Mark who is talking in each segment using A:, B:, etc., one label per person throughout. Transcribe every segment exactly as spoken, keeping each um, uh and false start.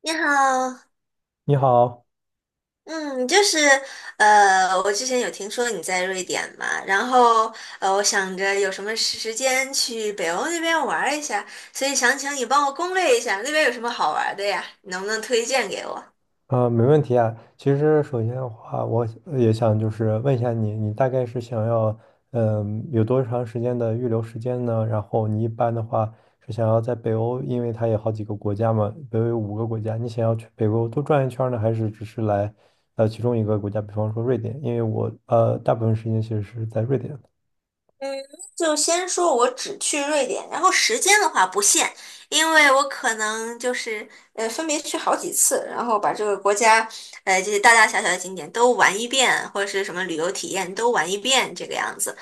A: 你好，
B: 你好，
A: 嗯，就是呃，我之前有听说你在瑞典嘛，然后呃，我想着有什么时时间去北欧那边玩儿一下，所以想请你帮我攻略一下那边有什么好玩儿的呀，你能不能推荐给我？
B: 呃，没问题啊。其实首先的话，我也想就是问一下你，你大概是想要，嗯、有多长时间的预留时间呢？然后你一般的话是想要在北欧，因为它有好几个国家嘛，北欧有五个国家，你想要去北欧多转一圈儿呢，还是只是来，呃，其中一个国家，比方说瑞典？因为我呃大部分时间其实是在瑞典。
A: 就先说我只去瑞典，然后时间的话不限，因为我可能就是呃分别去好几次，然后把这个国家呃这些大大小小的景点都玩一遍，或者是什么旅游体验都玩一遍这个样子，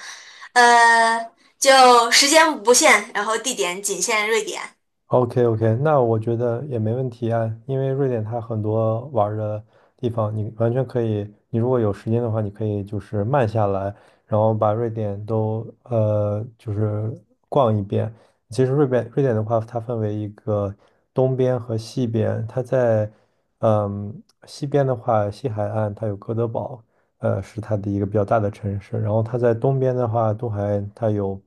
A: 呃，就时间不限，然后地点仅限瑞典。
B: OK OK，那我觉得也没问题啊，因为瑞典它很多玩儿的地方，你完全可以，你如果有时间的话，你可以就是慢下来，然后把瑞典都呃就是逛一遍。其实瑞典瑞典的话，它分为一个东边和西边，它在嗯西边的话，西海岸它有哥德堡，呃，是它的一个比较大的城市。然后它在东边的话，东海它有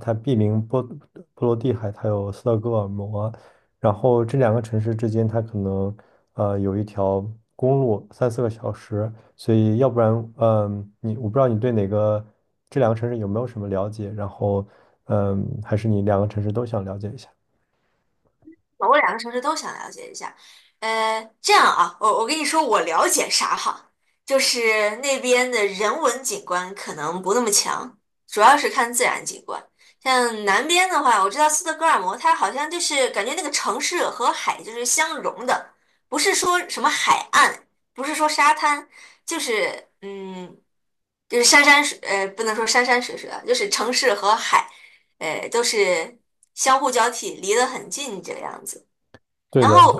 B: 它毗邻波波罗的海，它有斯德哥尔摩。然后这两个城市之间，它可能呃有一条公路，三四个小时。所以要不然，嗯、你我不知道你对哪个这两个城市有没有什么了解？然后，嗯、还是你两个城市都想了解一下？
A: 我两个城市都想了解一下。呃，这样啊，我我跟你说，我了解啥哈，就是那边的人文景观可能不那么强，主要是看自然景观。像南边的话，我知道斯德哥尔摩，它好像就是感觉那个城市和海就是相融的，不是说什么海岸，不是说沙滩，就是嗯，就是山山水，呃，不能说山山水水啊，就是城市和海，呃，都是相互交替，离得很近这个样子。
B: 对
A: 然
B: 的，
A: 后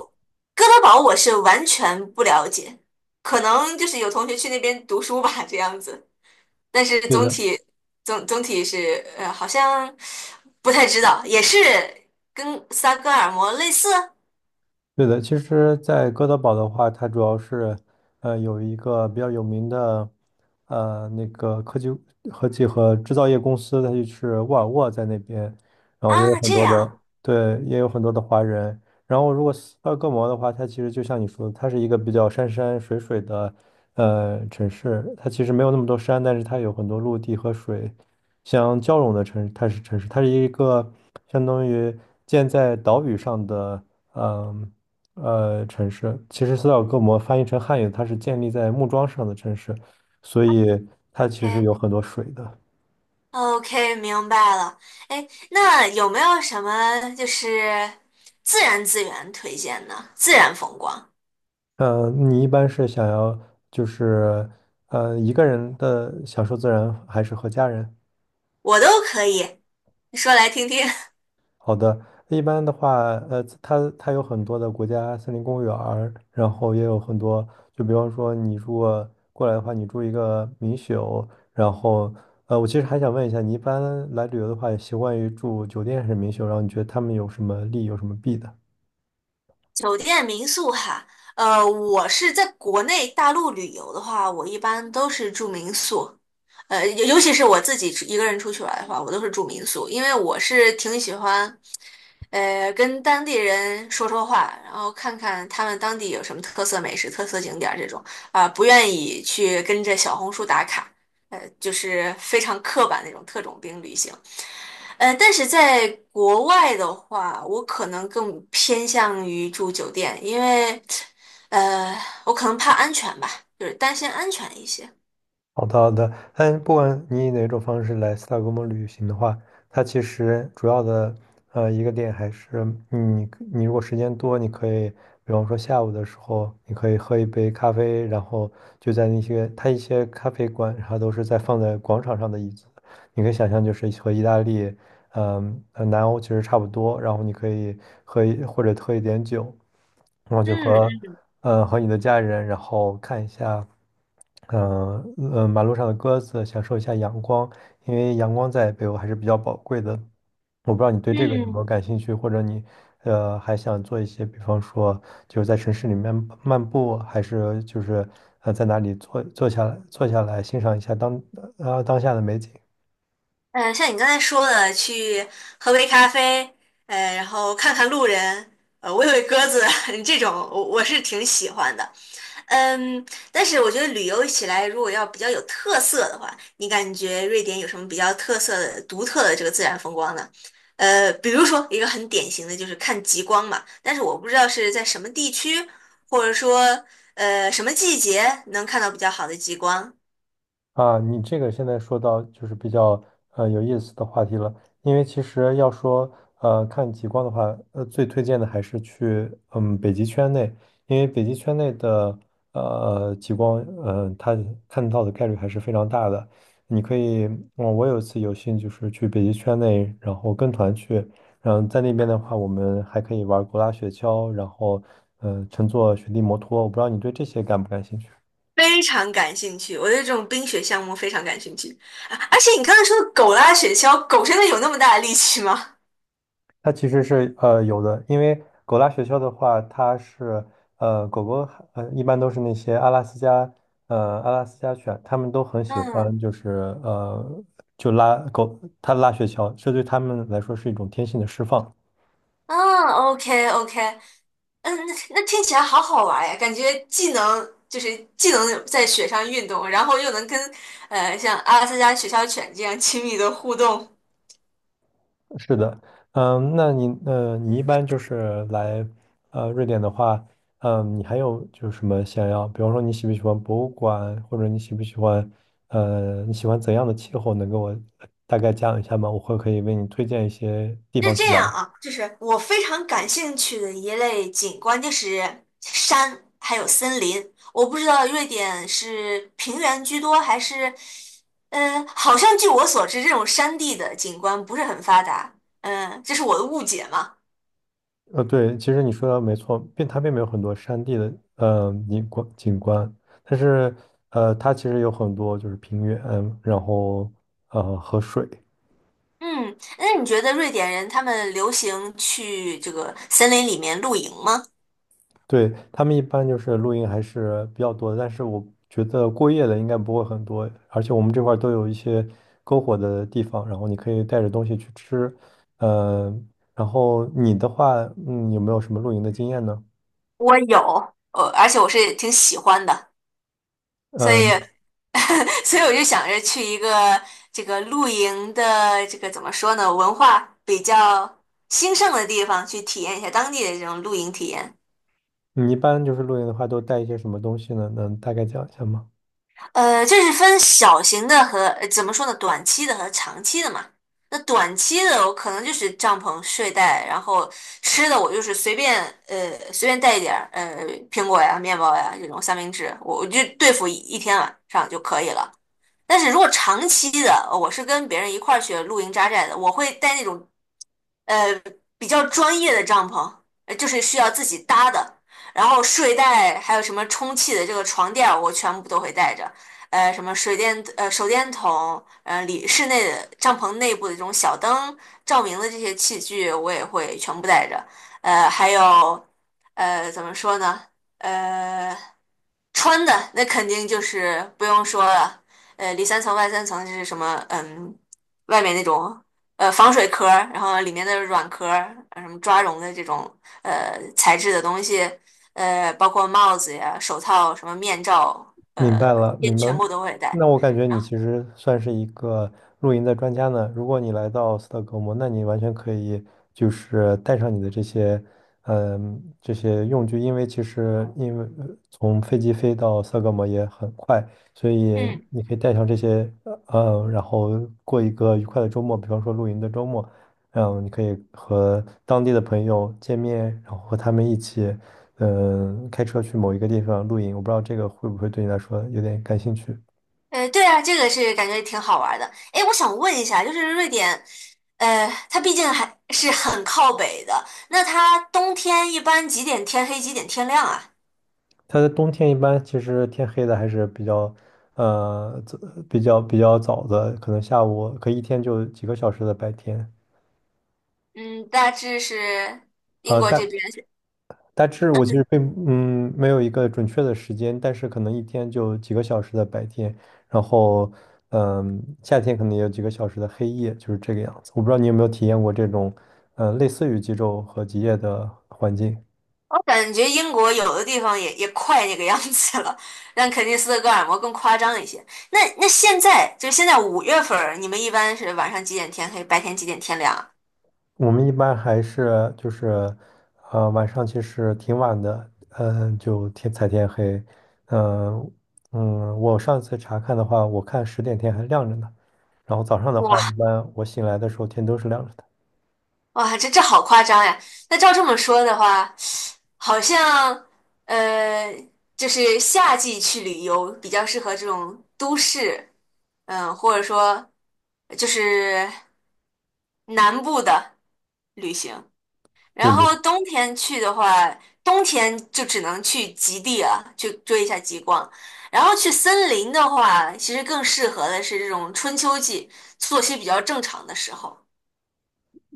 A: 哥德堡我是完全不了解，可能就是有同学去那边读书吧，这样子。但是
B: 对
A: 总
B: 的。
A: 体总总体是呃，好像不太知道，也是跟萨格尔摩类似
B: 对的。其实，在哥德堡的话，它主要是，呃，有一个比较有名的，呃，那个科技、科技和制造业公司，它就是沃尔沃在那边，然后也有
A: 啊，
B: 很
A: 这
B: 多
A: 样。
B: 的，对，也有很多的华人。然后，如果斯德哥尔摩的话，它其实就像你说的，它是一个比较山山水水的，呃，城市。它其实没有那么多山，但是它有很多陆地和水相交融的城市，它是城市，它是一个相当于建在岛屿上的。嗯，呃城市。其实斯德哥尔摩翻译成汉语，它是建立在木桩上的城市，所以它其实
A: OK
B: 有很多水的。
A: OK，明白了。哎，那有没有什么就是自然资源推荐呢？自然风光
B: 嗯，你一般是想要就是呃一个人的享受自然，还是和家人？
A: 我都可以，你说来听听。
B: 好的，一般的话，呃，它它有很多的国家森林公园儿然后也有很多，就比方说你如果过来的话，你住一个民宿，然后，呃，我其实还想问一下，你一般来旅游的话，习惯于住酒店还是民宿？然后你觉得他们有什么利，有什么弊的？
A: 酒店民宿哈，呃，我是在国内大陆旅游的话，我一般都是住民宿，呃，尤尤其是我自己出一个人出去玩的话，我都是住民宿，因为我是挺喜欢，呃，跟当地人说说话，然后看看他们当地有什么特色美食、特色景点儿这种，啊、不愿意去跟着小红书打卡，呃，就是非常刻板那种特种兵旅行。呃，但是在国外的话，我可能更偏向于住酒店，因为，呃，我可能怕安全吧，就是担心安全一些。
B: 好的，好的。但不管你以哪种方式来斯德哥尔摩旅行的话，它其实主要的呃一个点还是你你如果时间多，你可以比方说下午的时候，你可以喝一杯咖啡，然后就在那些它一些咖啡馆，它都是在放在广场上的椅子，你可以想象就是和意大利嗯，呃南欧其实差不多，然后你可以喝一或者喝一点酒，然后就和
A: 嗯
B: 呃和你的家人，然后看一下，嗯、嗯，呃马路上的鸽子，享受一下阳光，因为阳光在北欧还是比较宝贵的。我不知道你对这
A: 嗯，
B: 个有没有
A: 嗯，
B: 感兴趣，或者你呃还想做一些，比方说就是在城市里面漫步，还是就是呃在哪里坐坐下来坐下来欣赏一下当呃当下的美景。
A: 呃，像你刚才说的，去喝杯咖啡，呃，然后看看路人，呃，喂喂鸽子，这种我我是挺喜欢的。嗯，但是我觉得旅游起来，如果要比较有特色的话，你感觉瑞典有什么比较特色的、独特的这个自然风光呢？呃，比如说一个很典型的就是看极光嘛，但是我不知道是在什么地区，或者说呃什么季节能看到比较好的极光。
B: 啊，你这个现在说到就是比较呃有意思的话题了，因为其实要说呃看极光的话，呃最推荐的还是去嗯北极圈内，因为北极圈内的呃极光，嗯、它看到的概率还是非常大的。你可以，我我有一次有幸就是去北极圈内，然后跟团去，然后在那边的话，我们还可以玩狗拉雪橇，然后嗯、呃乘坐雪地摩托，我不知道你对这些感不感兴趣？
A: 非常感兴趣。我对这种冰雪项目非常感兴趣。啊而且你刚才说的狗拉雪橇，狗真的有那么大的力气吗？
B: 它其实是呃有的，因为狗拉雪橇的话，它是呃狗狗呃一般都是那些阿拉斯加呃阿拉斯加犬，它们都很喜欢
A: 嗯，
B: 就是呃就拉狗它拉雪橇，这对它们来说是一种天性的释放。
A: 嗯 o k o k 嗯，那那听起来好好玩呀，感觉既能就是既能在雪上运动，然后又能跟呃像阿拉斯加雪橇犬这样亲密的互动。
B: 是的，嗯，那你呃，你一般就是来呃瑞典的话，嗯，你还有就是什么想要，比方说你喜不喜欢博物馆，或者你喜不喜欢呃，你喜欢怎样的气候，能给我大概讲一下吗？我会可以为你推荐一些地
A: 是
B: 方去
A: 这
B: 玩。
A: 样啊，就是我非常感兴趣的一类景观就是山，还有森林。我不知道瑞典是平原居多还是，呃，好像据我所知，这种山地的景观不是很发达。嗯、这是我的误解嘛。
B: 呃，对，其实你说的没错，并它并没有很多山地的呃景观景观，但是呃，它其实有很多就是平原，然后呃和水。
A: 嗯，那你觉得瑞典人他们流行去这个森林里面露营吗？
B: 对，他们一般就是露营还是比较多的，但是我觉得过夜的应该不会很多，而且我们这块儿都有一些篝火的地方，然后你可以带着东西去吃。呃，然后你的话，嗯，有没有什么露营的经验呢？
A: 我有，呃，而且我是挺喜欢的，所以，
B: 嗯、
A: 所以我就想着去一个这个露营的这个怎么说呢，文化比较兴盛的地方去体验一下当地的这种露营体验。
B: 你一般就是露营的话，都带一些什么东西呢？能大概讲一下吗？
A: 呃，这是分小型的和，呃怎么说呢，短期的和长期的嘛。那短期的我可能就是帐篷、睡袋，然后吃的我就是随便，呃，随便带一点儿，呃，苹果呀、面包呀这种三明治，我我就对付一一天晚上就可以了。但是如果长期的，呃我是跟别人一块儿去露营扎寨的，我会带那种呃比较专业的帐篷，呃就是需要自己搭的。然后睡袋还有什么充气的这个床垫儿我全部都会带着。呃，什么水电呃手电筒，呃里室内的帐篷内部的这种小灯照明的这些器具，我也会全部带着。呃，还有呃怎么说呢？呃。穿的那肯定就是不用说了，呃，里三层外三层就是什么，嗯，外面那种呃防水壳儿，然后里面的软壳儿，呃什么抓绒的这种呃材质的东西，呃，包括帽子呀、手套、什么面罩，
B: 明
A: 呃，
B: 白了，
A: 也
B: 明白。
A: 全部都会戴
B: 那我感觉你
A: 然后，
B: 其实算是一个露营的专家呢。如果你来到斯德哥尔摩，那你完全可以就是带上你的这些，嗯，这些用具，因为其实因为呃从飞机飞到斯德哥尔摩也很快，所以
A: 嗯，
B: 你可以带上这些，呃，然后过一个愉快的周末，比方说露营的周末，嗯，你可以和当地的朋友见面，然后和他们一起。嗯、开车去某一个地方露营，我不知道这个会不会对你来说有点感兴趣。
A: 呃，对啊，这个是感觉挺好玩儿的。哎，我想问一下，就是瑞典，呃，它毕竟还是很靠北的，那它冬天一般几点天黑，几点天亮啊？
B: 它的冬天一般其实天黑的还是比较，呃，早比较比较早的，可能下午可以一天就几个小时的白天。
A: 嗯，大致是英
B: 呃，
A: 国这
B: 大
A: 边，
B: 大致我其实并嗯没有一个准确的时间，但是可能一天就几个小时的白天，然后嗯、夏天可能也有几个小时的黑夜，就是这个样子。我不知道你有没有体验过这种，呃，类似于极昼和极夜的环境。
A: 我感觉英国有的地方也也快那个样子了，但肯尼斯的戈尔摩更夸张一些。那那现在就现在五月份儿，你们一般是晚上几点天黑，白天几点天亮啊？
B: 我们一般还是就是，呃，晚上其实挺晚的，嗯、就天才天黑，嗯、嗯，我上次查看的话，我看十点天还亮着呢，然后早上的
A: 哇！
B: 话，一般我醒来的时候天都是亮着的。
A: 哇，这这好夸张呀！那照这么说的话，好像呃，就是夏季去旅游比较适合这种都市，嗯、或者说就是南部的旅行。
B: 对
A: 然
B: 对，
A: 后冬天去的话，冬天就只能去极地了，去追一下极光。然后去森林的话，其实更适合的是这种春秋季，作息比较正常的时候。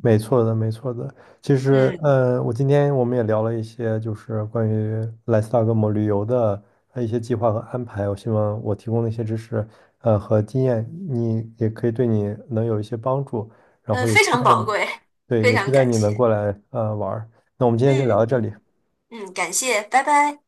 B: 没错的，没错的。其实，
A: 嗯。
B: 呃，我今天我们也聊了一些，就是关于来斯大格摩旅游的呃一些计划和安排。我希望我提供的一些知识，呃，和经验，你也可以对你能有一些帮助。然后
A: 嗯，
B: 也
A: 非
B: 期
A: 常
B: 待
A: 宝
B: 你，
A: 贵，
B: 对，
A: 非
B: 也期
A: 常
B: 待
A: 感
B: 你能
A: 谢。
B: 过来，呃，玩儿。那我们今天就聊到
A: 嗯
B: 这里。
A: 嗯，感谢，拜拜。